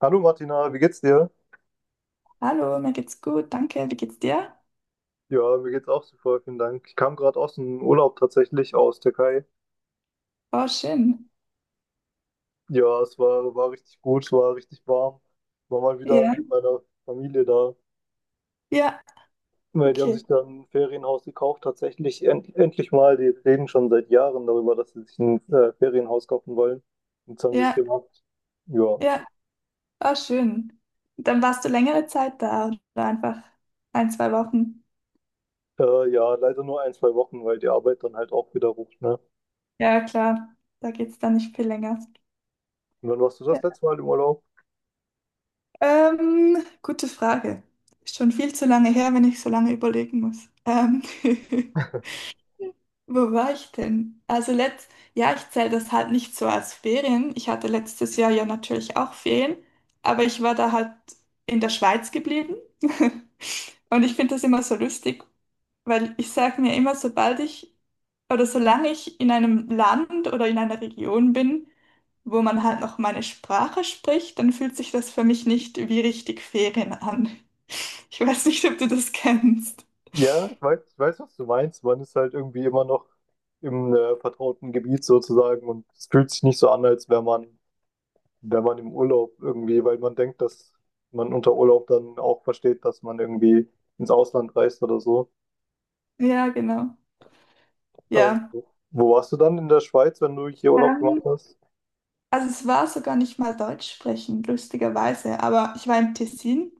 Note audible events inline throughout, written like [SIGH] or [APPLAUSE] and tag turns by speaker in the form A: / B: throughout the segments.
A: Hallo Martina, wie geht's dir?
B: Hallo, mir geht's gut, danke. Wie geht's dir?
A: Ja, mir geht's auch super, vielen Dank. Ich kam gerade aus dem Urlaub, tatsächlich aus Türkei.
B: Oh, schön.
A: Ja, es war richtig gut, es war richtig warm. War mal wieder
B: Ja,
A: mit meiner Familie da.
B: ja,
A: Weil die haben
B: okay.
A: sich dann ein Ferienhaus gekauft, tatsächlich endlich mal. Die reden schon seit Jahren darüber, dass sie sich ein Ferienhaus kaufen wollen. Jetzt haben sie es
B: Ja,
A: gemacht. Ja.
B: ja, oh, schön. Dann warst du längere Zeit da oder einfach ein, zwei Wochen?
A: Ja, leider nur ein, zwei Wochen, weil die Arbeit dann halt auch wieder ruft, ne?
B: Ja, klar, da geht's dann nicht viel länger.
A: Und wann warst du das
B: Ja.
A: letzte Mal im Urlaub?
B: Gute Frage. Ist schon viel zu lange her, wenn ich so lange überlegen muss. [LAUGHS] Wo war ich denn? Also ja, ich zähle das halt nicht so als Ferien. Ich hatte letztes Jahr ja natürlich auch Ferien, aber ich war da halt in der Schweiz geblieben. [LAUGHS] Und ich finde das immer so lustig, weil ich sage mir immer, sobald ich oder solange ich in einem Land oder in einer Region bin, wo man halt noch meine Sprache spricht, dann fühlt sich das für mich nicht wie richtig Ferien an. [LAUGHS] Ich weiß nicht, ob du das kennst.
A: Ja, ich weiß, was du meinst. Man ist halt irgendwie immer noch im vertrauten Gebiet sozusagen, und es fühlt sich nicht so an, als wäre man im Urlaub irgendwie, weil man denkt, dass man unter Urlaub dann auch versteht, dass man irgendwie ins Ausland reist oder so.
B: Ja, genau.
A: Ähm,
B: Ja.
A: wo wo warst du dann in der Schweiz, wenn du hier Urlaub gemacht
B: Ähm,
A: hast?
B: Also es war sogar nicht mal Deutsch sprechen, lustigerweise. Aber ich war im Tessin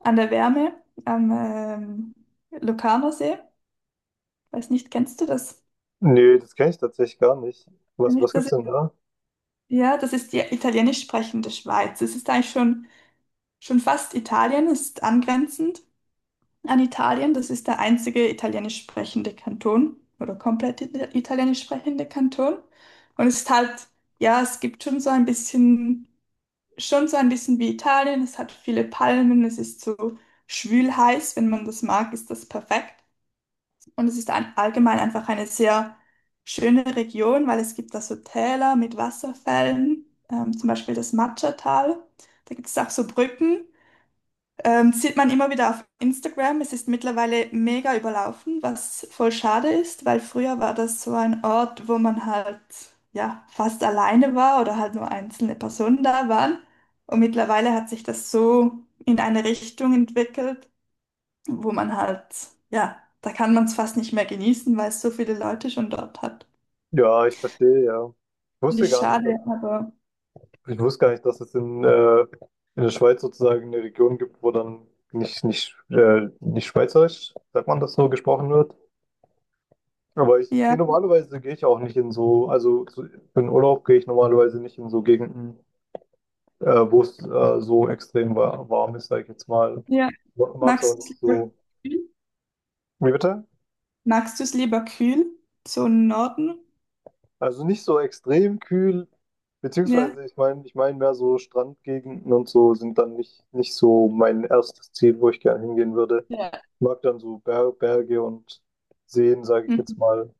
B: an der Wärme am Locarnosee. Weiß nicht, kennst du das?
A: Nee, das kenne ich tatsächlich gar nicht.
B: Wenn ich
A: Was
B: das?
A: gibt's denn da?
B: Ja, das ist die italienisch sprechende Schweiz. Es ist eigentlich schon fast Italien, es ist angrenzend an Italien. Das ist der einzige italienisch sprechende Kanton oder komplett italienisch sprechende Kanton. Und es ist halt, ja, es gibt schon so ein bisschen wie Italien. Es hat viele Palmen, es ist so schwül heiß. Wenn man das mag, ist das perfekt. Und es ist allgemein einfach eine sehr schöne Region, weil es gibt da so Täler mit Wasserfällen, zum Beispiel das Matcha-Tal. Da gibt es auch so Brücken. Sieht man immer wieder auf Instagram. Es ist mittlerweile mega überlaufen, was voll schade ist, weil früher war das so ein Ort, wo man halt ja fast alleine war oder halt nur einzelne Personen da waren. Und mittlerweile hat sich das so in eine Richtung entwickelt, wo man halt ja, da kann man es fast nicht mehr genießen, weil es so viele Leute schon dort hat.
A: Ja, ich verstehe, ja. Ich
B: Finde
A: wusste
B: ich
A: gar nicht, dass
B: schade, aber
A: ich wusste gar nicht, dass es in der Schweiz sozusagen eine Region gibt, wo dann nicht Schweizerisch, sagt man das nur, gesprochen wird. Aber
B: ja,
A: gehe ich auch nicht in so, also so, für den Urlaub gehe ich normalerweise nicht in so Gegenden, wo es so extrem warm ist, sage ich jetzt mal.
B: ja.
A: Mag es auch
B: Magst du es
A: nicht
B: lieber
A: so.
B: kühl?
A: Wie bitte?
B: Magst du es lieber kühl? So im Norden?
A: Also nicht so extrem kühl, beziehungsweise ich meine mehr so Strandgegenden und so sind dann nicht so mein erstes Ziel, wo ich gerne hingehen würde.
B: Ja.
A: Mag dann so Berge und Seen, sage ich jetzt
B: Mhm.
A: mal.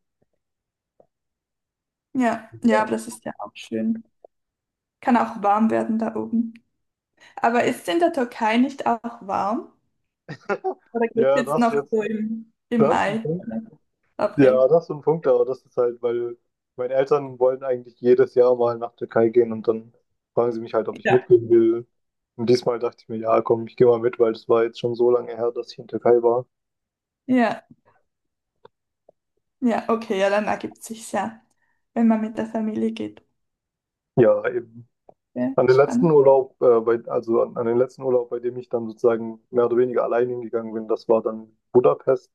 B: Ja, ja, aber das ist ja auch schön. Kann auch warm werden da oben. Aber ist es in der Türkei nicht auch warm? Oder geht es
A: Ja,
B: jetzt
A: das
B: noch
A: jetzt,
B: so im
A: das ist ein
B: Mai
A: Punkt.
B: oder April?
A: Ja, das ist so ein Punkt, aber das ist halt, weil meine Eltern wollen eigentlich jedes Jahr mal nach Türkei gehen und dann fragen sie mich halt, ob ich
B: Ja.
A: mitgehen will. Und diesmal dachte ich mir, ja, komm, ich gehe mal mit, weil es war jetzt schon so lange her dass ich in Türkei war.
B: Ja, ja, okay, ja, dann ergibt sich ja, wenn man mit der Familie geht.
A: Ja, eben.
B: Ja,
A: An den letzten
B: spannend.
A: Urlaub, bei, also an, an den letzten Urlaub, bei dem ich dann sozusagen mehr oder weniger allein hingegangen bin, das war dann Budapest.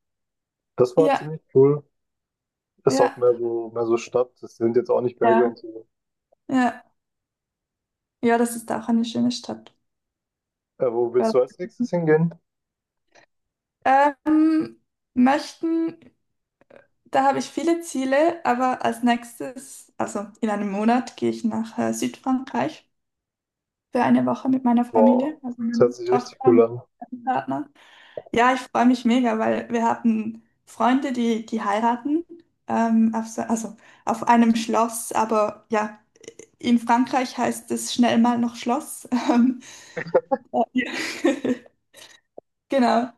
A: Das war
B: Ja,
A: ziemlich cool. Ist
B: ja,
A: auch mehr so Stadt. Das sind jetzt auch nicht Berge
B: ja,
A: und so.
B: ja. Ja, das ist auch eine schöne Stadt.
A: Wo
B: Ja.
A: willst du als nächstes hingehen?
B: Ähm, möchten Da habe ich viele Ziele, aber als nächstes, also in einem Monat, gehe ich nach Südfrankreich für eine Woche mit meiner Familie,
A: Boah,
B: also
A: das hört
B: meiner
A: sich
B: Tochter
A: richtig cool
B: und
A: an.
B: meinem Partner. Ja, ich freue mich mega, weil wir hatten Freunde, die heiraten, also auf einem Schloss, aber ja, in Frankreich heißt es schnell mal noch Schloss. [LAUGHS] Ja. [LAUGHS] Genau.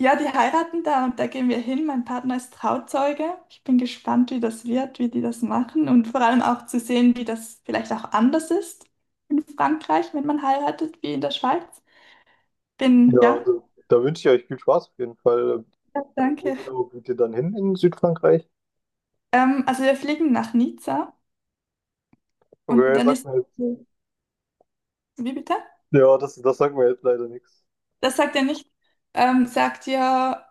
B: Ja, die heiraten da und da gehen wir hin. Mein Partner ist Trauzeuge. Ich bin gespannt, wie das wird, wie die das machen und vor allem auch zu sehen, wie das vielleicht auch anders ist in Frankreich, wenn man heiratet, wie in der Schweiz.
A: Ja,
B: Bin,
A: da,
B: ja,
A: da wünsche ich euch viel Spaß auf jeden Fall.
B: ja,
A: Wo
B: danke.
A: genau geht ihr dann hin in Südfrankreich?
B: Also wir fliegen nach Nizza und
A: Okay,
B: dann
A: sag
B: ist,
A: mir jetzt.
B: wie bitte?
A: Ja, das sagt mir jetzt leider nichts.
B: Das sagt er nicht. Sagt ihr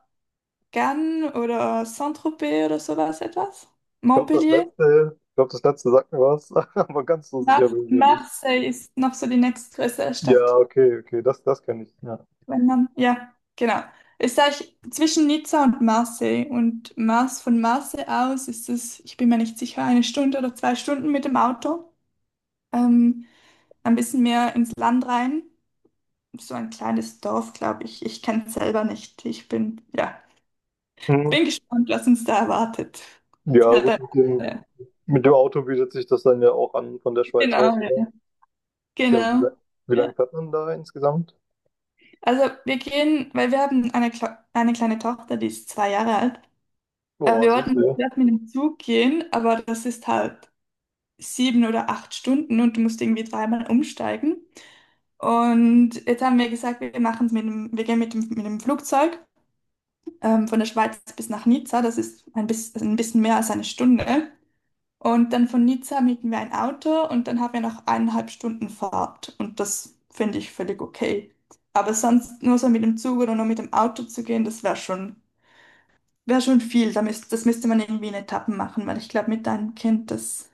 B: Cannes oder Saint-Tropez oder sowas etwas?
A: Ich glaube,
B: Montpellier?
A: ich glaube, das letzte sagt mir was, [LAUGHS] aber ganz so sicher
B: Mar
A: bin ich mir nicht.
B: Marseille ist noch so die nächstgrößere Stadt.
A: Ja, okay, okay, das kann ich. Ja.
B: Wenn dann, ja, genau. Ist eigentlich zwischen Nizza und Marseille. Und von Marseille aus ist es, ich bin mir nicht sicher, eine Stunde oder zwei Stunden mit dem Auto. Ähm, ein bisschen mehr ins Land rein. So ein kleines Dorf, glaube ich. Ich kenne es selber nicht. Ja,
A: Hm.
B: bin gespannt, was uns da erwartet. Es
A: Ja
B: wird
A: gut,
B: ein- ja,
A: mit dem Auto bietet sich das dann ja auch an von der Schweiz aus.
B: Genau, ja.
A: Ja,
B: Genau.
A: wie lange
B: Ja.
A: fährt man da insgesamt?
B: Also wir gehen, weil wir haben eine kleine Tochter, die ist 2 Jahre alt. Äh,
A: Boah,
B: Wir
A: süß,
B: wollten
A: ja.
B: zuerst mit dem Zug gehen, aber das ist halt 7 oder 8 Stunden und du musst irgendwie dreimal umsteigen. Und jetzt haben wir gesagt, wir gehen mit dem Flugzeug, von der Schweiz bis nach Nizza. Das ist ein bisschen mehr als eine Stunde. Und dann von Nizza mieten wir ein Auto und dann haben wir noch 1,5 Stunden Fahrt. Und das finde ich völlig okay. Aber sonst nur so mit dem Zug oder nur mit dem Auto zu gehen, das wäre schon. Wäre schon viel, das müsste man irgendwie in Etappen machen, weil ich glaube, mit einem Kind, das,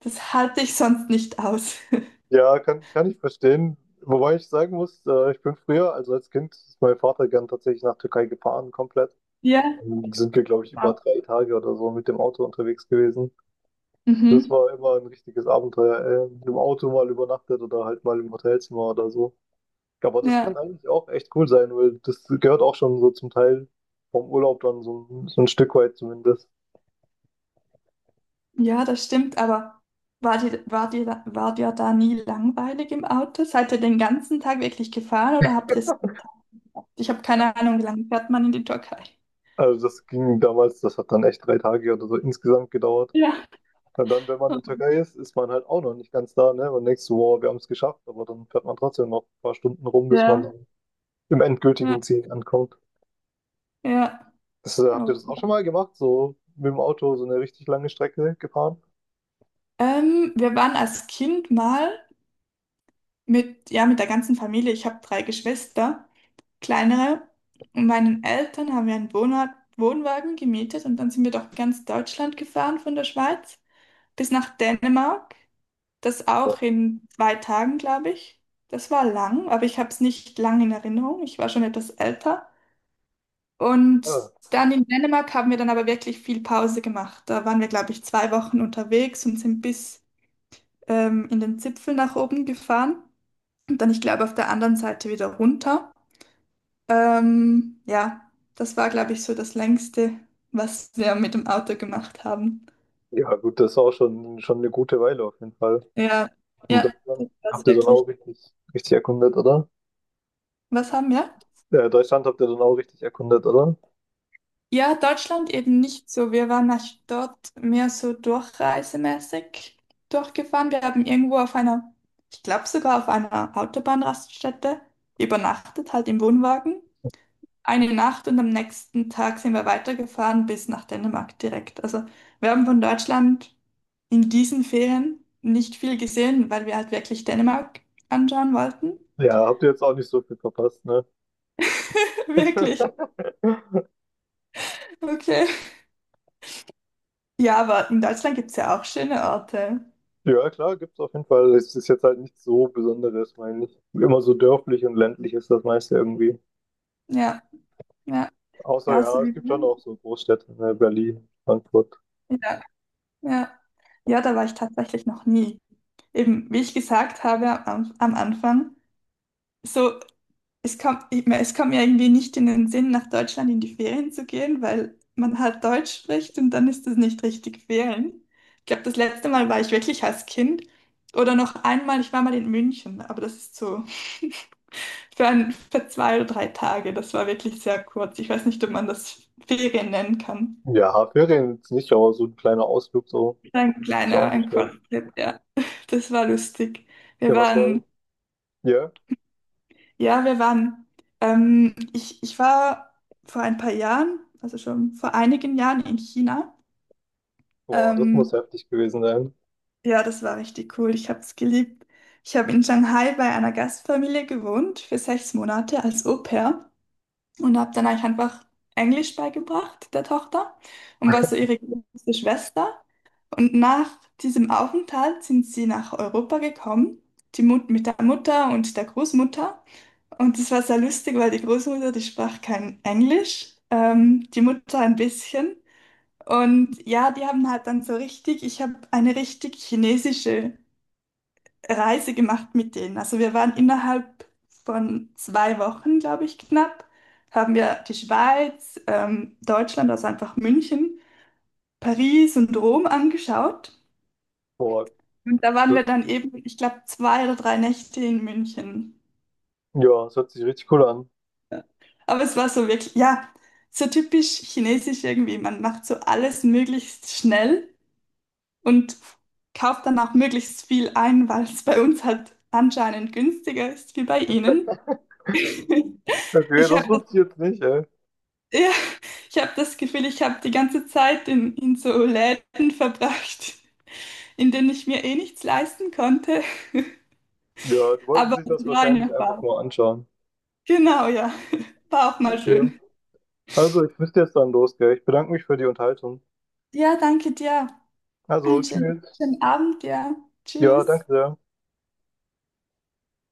B: das halte ich sonst nicht aus. [LAUGHS]
A: Ja, kann ich verstehen. Wobei ich sagen muss, ich bin früher, also als Kind, ist mein Vater gern tatsächlich nach Türkei gefahren, komplett.
B: Ja.
A: Dann sind wir, glaube ich, über
B: Wow.
A: drei Tage oder so mit dem Auto unterwegs gewesen. Das
B: Mhm.
A: war immer ein richtiges Abenteuer. Im Auto mal übernachtet oder halt mal im Hotelzimmer oder so. Aber das
B: Ja,
A: kann eigentlich auch echt cool sein, weil das gehört auch schon so zum Teil vom Urlaub dann so, so ein Stück weit zumindest.
B: ja, das stimmt, aber war dir da nie langweilig im Auto? Seid ihr den ganzen Tag wirklich gefahren oder habt ihr es? Ich habe keine Ahnung, wie lange fährt man in die Türkei?
A: Also das ging damals, das hat dann echt drei Tage oder so insgesamt gedauert.
B: Ja.
A: Und dann, wenn man in der Türkei ist, ist man halt auch noch nicht ganz da, ne? Man denkt so, wow, wir haben es geschafft, aber dann fährt man trotzdem noch ein paar Stunden rum, bis man
B: Ja,
A: dann im
B: ja,
A: endgültigen Ziel ankommt.
B: ja.
A: Habt ihr das auch schon
B: Okay.
A: mal gemacht? So mit dem Auto so eine richtig lange Strecke gefahren?
B: Wir waren als Kind mal ja, mit der ganzen Familie, ich habe drei Geschwister. Kleinere. Und meinen Eltern haben wir einen Wohnwagen gemietet und dann sind wir durch ganz Deutschland gefahren von der Schweiz bis nach Dänemark. Das auch in 2 Tagen, glaube ich. Das war lang, aber ich habe es nicht lang in Erinnerung. Ich war schon etwas älter. Und
A: Ja,
B: dann in Dänemark haben wir dann aber wirklich viel Pause gemacht. Da waren wir, glaube ich, 2 Wochen unterwegs und sind bis in den Zipfel nach oben gefahren und dann, ich glaube, auf der anderen Seite wieder runter. Ja, das war, glaube ich, so das Längste, was wir mit dem Auto gemacht haben.
A: ja gut, das ist auch schon eine gute Weile auf jeden Fall.
B: Ja,
A: In
B: ja,
A: Deutschland
B: das war es
A: habt ihr dann auch
B: wirklich.
A: richtig erkundet, oder?
B: Was haben wir?
A: Ja, Deutschland habt ihr dann auch richtig erkundet, oder?
B: Ja, Deutschland eben nicht so. Wir waren nach dort mehr so durchreisemäßig durchgefahren. Wir haben irgendwo auf einer, ich glaube sogar auf einer Autobahnraststätte übernachtet, halt im Wohnwagen, eine Nacht und am nächsten Tag sind wir weitergefahren bis nach Dänemark direkt. Also wir haben von Deutschland in diesen Ferien nicht viel gesehen, weil wir halt wirklich Dänemark anschauen wollten.
A: Ja, habt ihr jetzt auch nicht so viel verpasst, ne?
B: [LAUGHS] Wirklich.
A: [LAUGHS]
B: Okay. Ja, aber in Deutschland gibt es ja auch schöne Orte.
A: Ja, klar, gibt es auf jeden Fall. Es ist jetzt halt nichts so Besonderes, meine ich. Immer so dörflich und ländlich ist das meiste irgendwie.
B: Ja, ja,
A: Außer
B: ja, so
A: ja, es
B: wie
A: gibt schon
B: Wien.
A: auch so Großstädte, ne, Berlin, Frankfurt.
B: Ja, ja. Ja, da war ich tatsächlich noch nie. Eben, wie ich gesagt habe am Anfang, so. Es kommt, ich mein, es kommt mir irgendwie nicht in den Sinn, nach Deutschland in die Ferien zu gehen, weil man halt Deutsch spricht und dann ist das nicht richtig Ferien. Ich glaube, das letzte Mal war ich wirklich als Kind oder noch einmal, ich war mal in München, aber das ist so [LAUGHS] für 2 oder 3 Tage. Das war wirklich sehr kurz. Ich weiß nicht, ob man das Ferien nennen kann.
A: Ja, Ferien jetzt nicht, aber so ein kleiner Ausflug so ist auch nicht
B: Ein
A: schlecht.
B: Kurztrip, ja. [LAUGHS] Das war lustig. Wir
A: Ja, was Ja. war?
B: waren.
A: Ja,
B: Ja, wir waren. Ich war vor ein paar Jahren, also schon vor einigen Jahren in China.
A: boah, das muss
B: Ähm,
A: heftig gewesen sein.
B: ja, das war richtig cool. Ich habe es geliebt. Ich habe in Shanghai bei einer Gastfamilie gewohnt für 6 Monate als Au-pair und habe dann eigentlich einfach Englisch beigebracht, der Tochter, und war so ihre große Schwester. Und nach diesem Aufenthalt sind sie nach Europa gekommen, die Mut mit der Mutter und der Großmutter. Und das war sehr lustig, weil die Großmutter, die sprach kein Englisch, die Mutter ein bisschen. Und ja, die haben halt dann so richtig, ich habe eine richtig chinesische Reise gemacht mit denen. Also wir waren innerhalb von 2 Wochen, glaube ich, knapp, haben wir die Schweiz, Deutschland, also einfach München, Paris und Rom angeschaut.
A: Boah,
B: Und da waren
A: das,
B: wir dann eben, ich glaube, 2 oder 3 Nächte in München.
A: ja, das hört sich richtig cool an.
B: Aber es war so wirklich, ja, so typisch chinesisch irgendwie. Man macht so alles möglichst schnell und kauft dann auch möglichst viel ein, weil es bei uns halt anscheinend günstiger ist wie bei ihnen. [LAUGHS]
A: Okay,
B: Ich habe
A: das
B: das,
A: wusste ich jetzt nicht, ey.
B: ja, ich habe das Gefühl, ich habe die ganze Zeit in so Läden verbracht, in denen ich mir eh nichts leisten konnte.
A: Ja, die wollten
B: Aber
A: sich
B: es
A: das
B: war eine
A: wahrscheinlich einfach
B: Erfahrung.
A: nur anschauen.
B: Genau, ja. [LAUGHS] War auch mal
A: Okay.
B: schön.
A: Also, ich müsste jetzt dann los, gell? Ich bedanke mich für die Unterhaltung.
B: Ja, danke dir.
A: Also,
B: Einen schönen,
A: tschüss.
B: schönen Abend, ja.
A: Ja,
B: Tschüss.
A: danke sehr.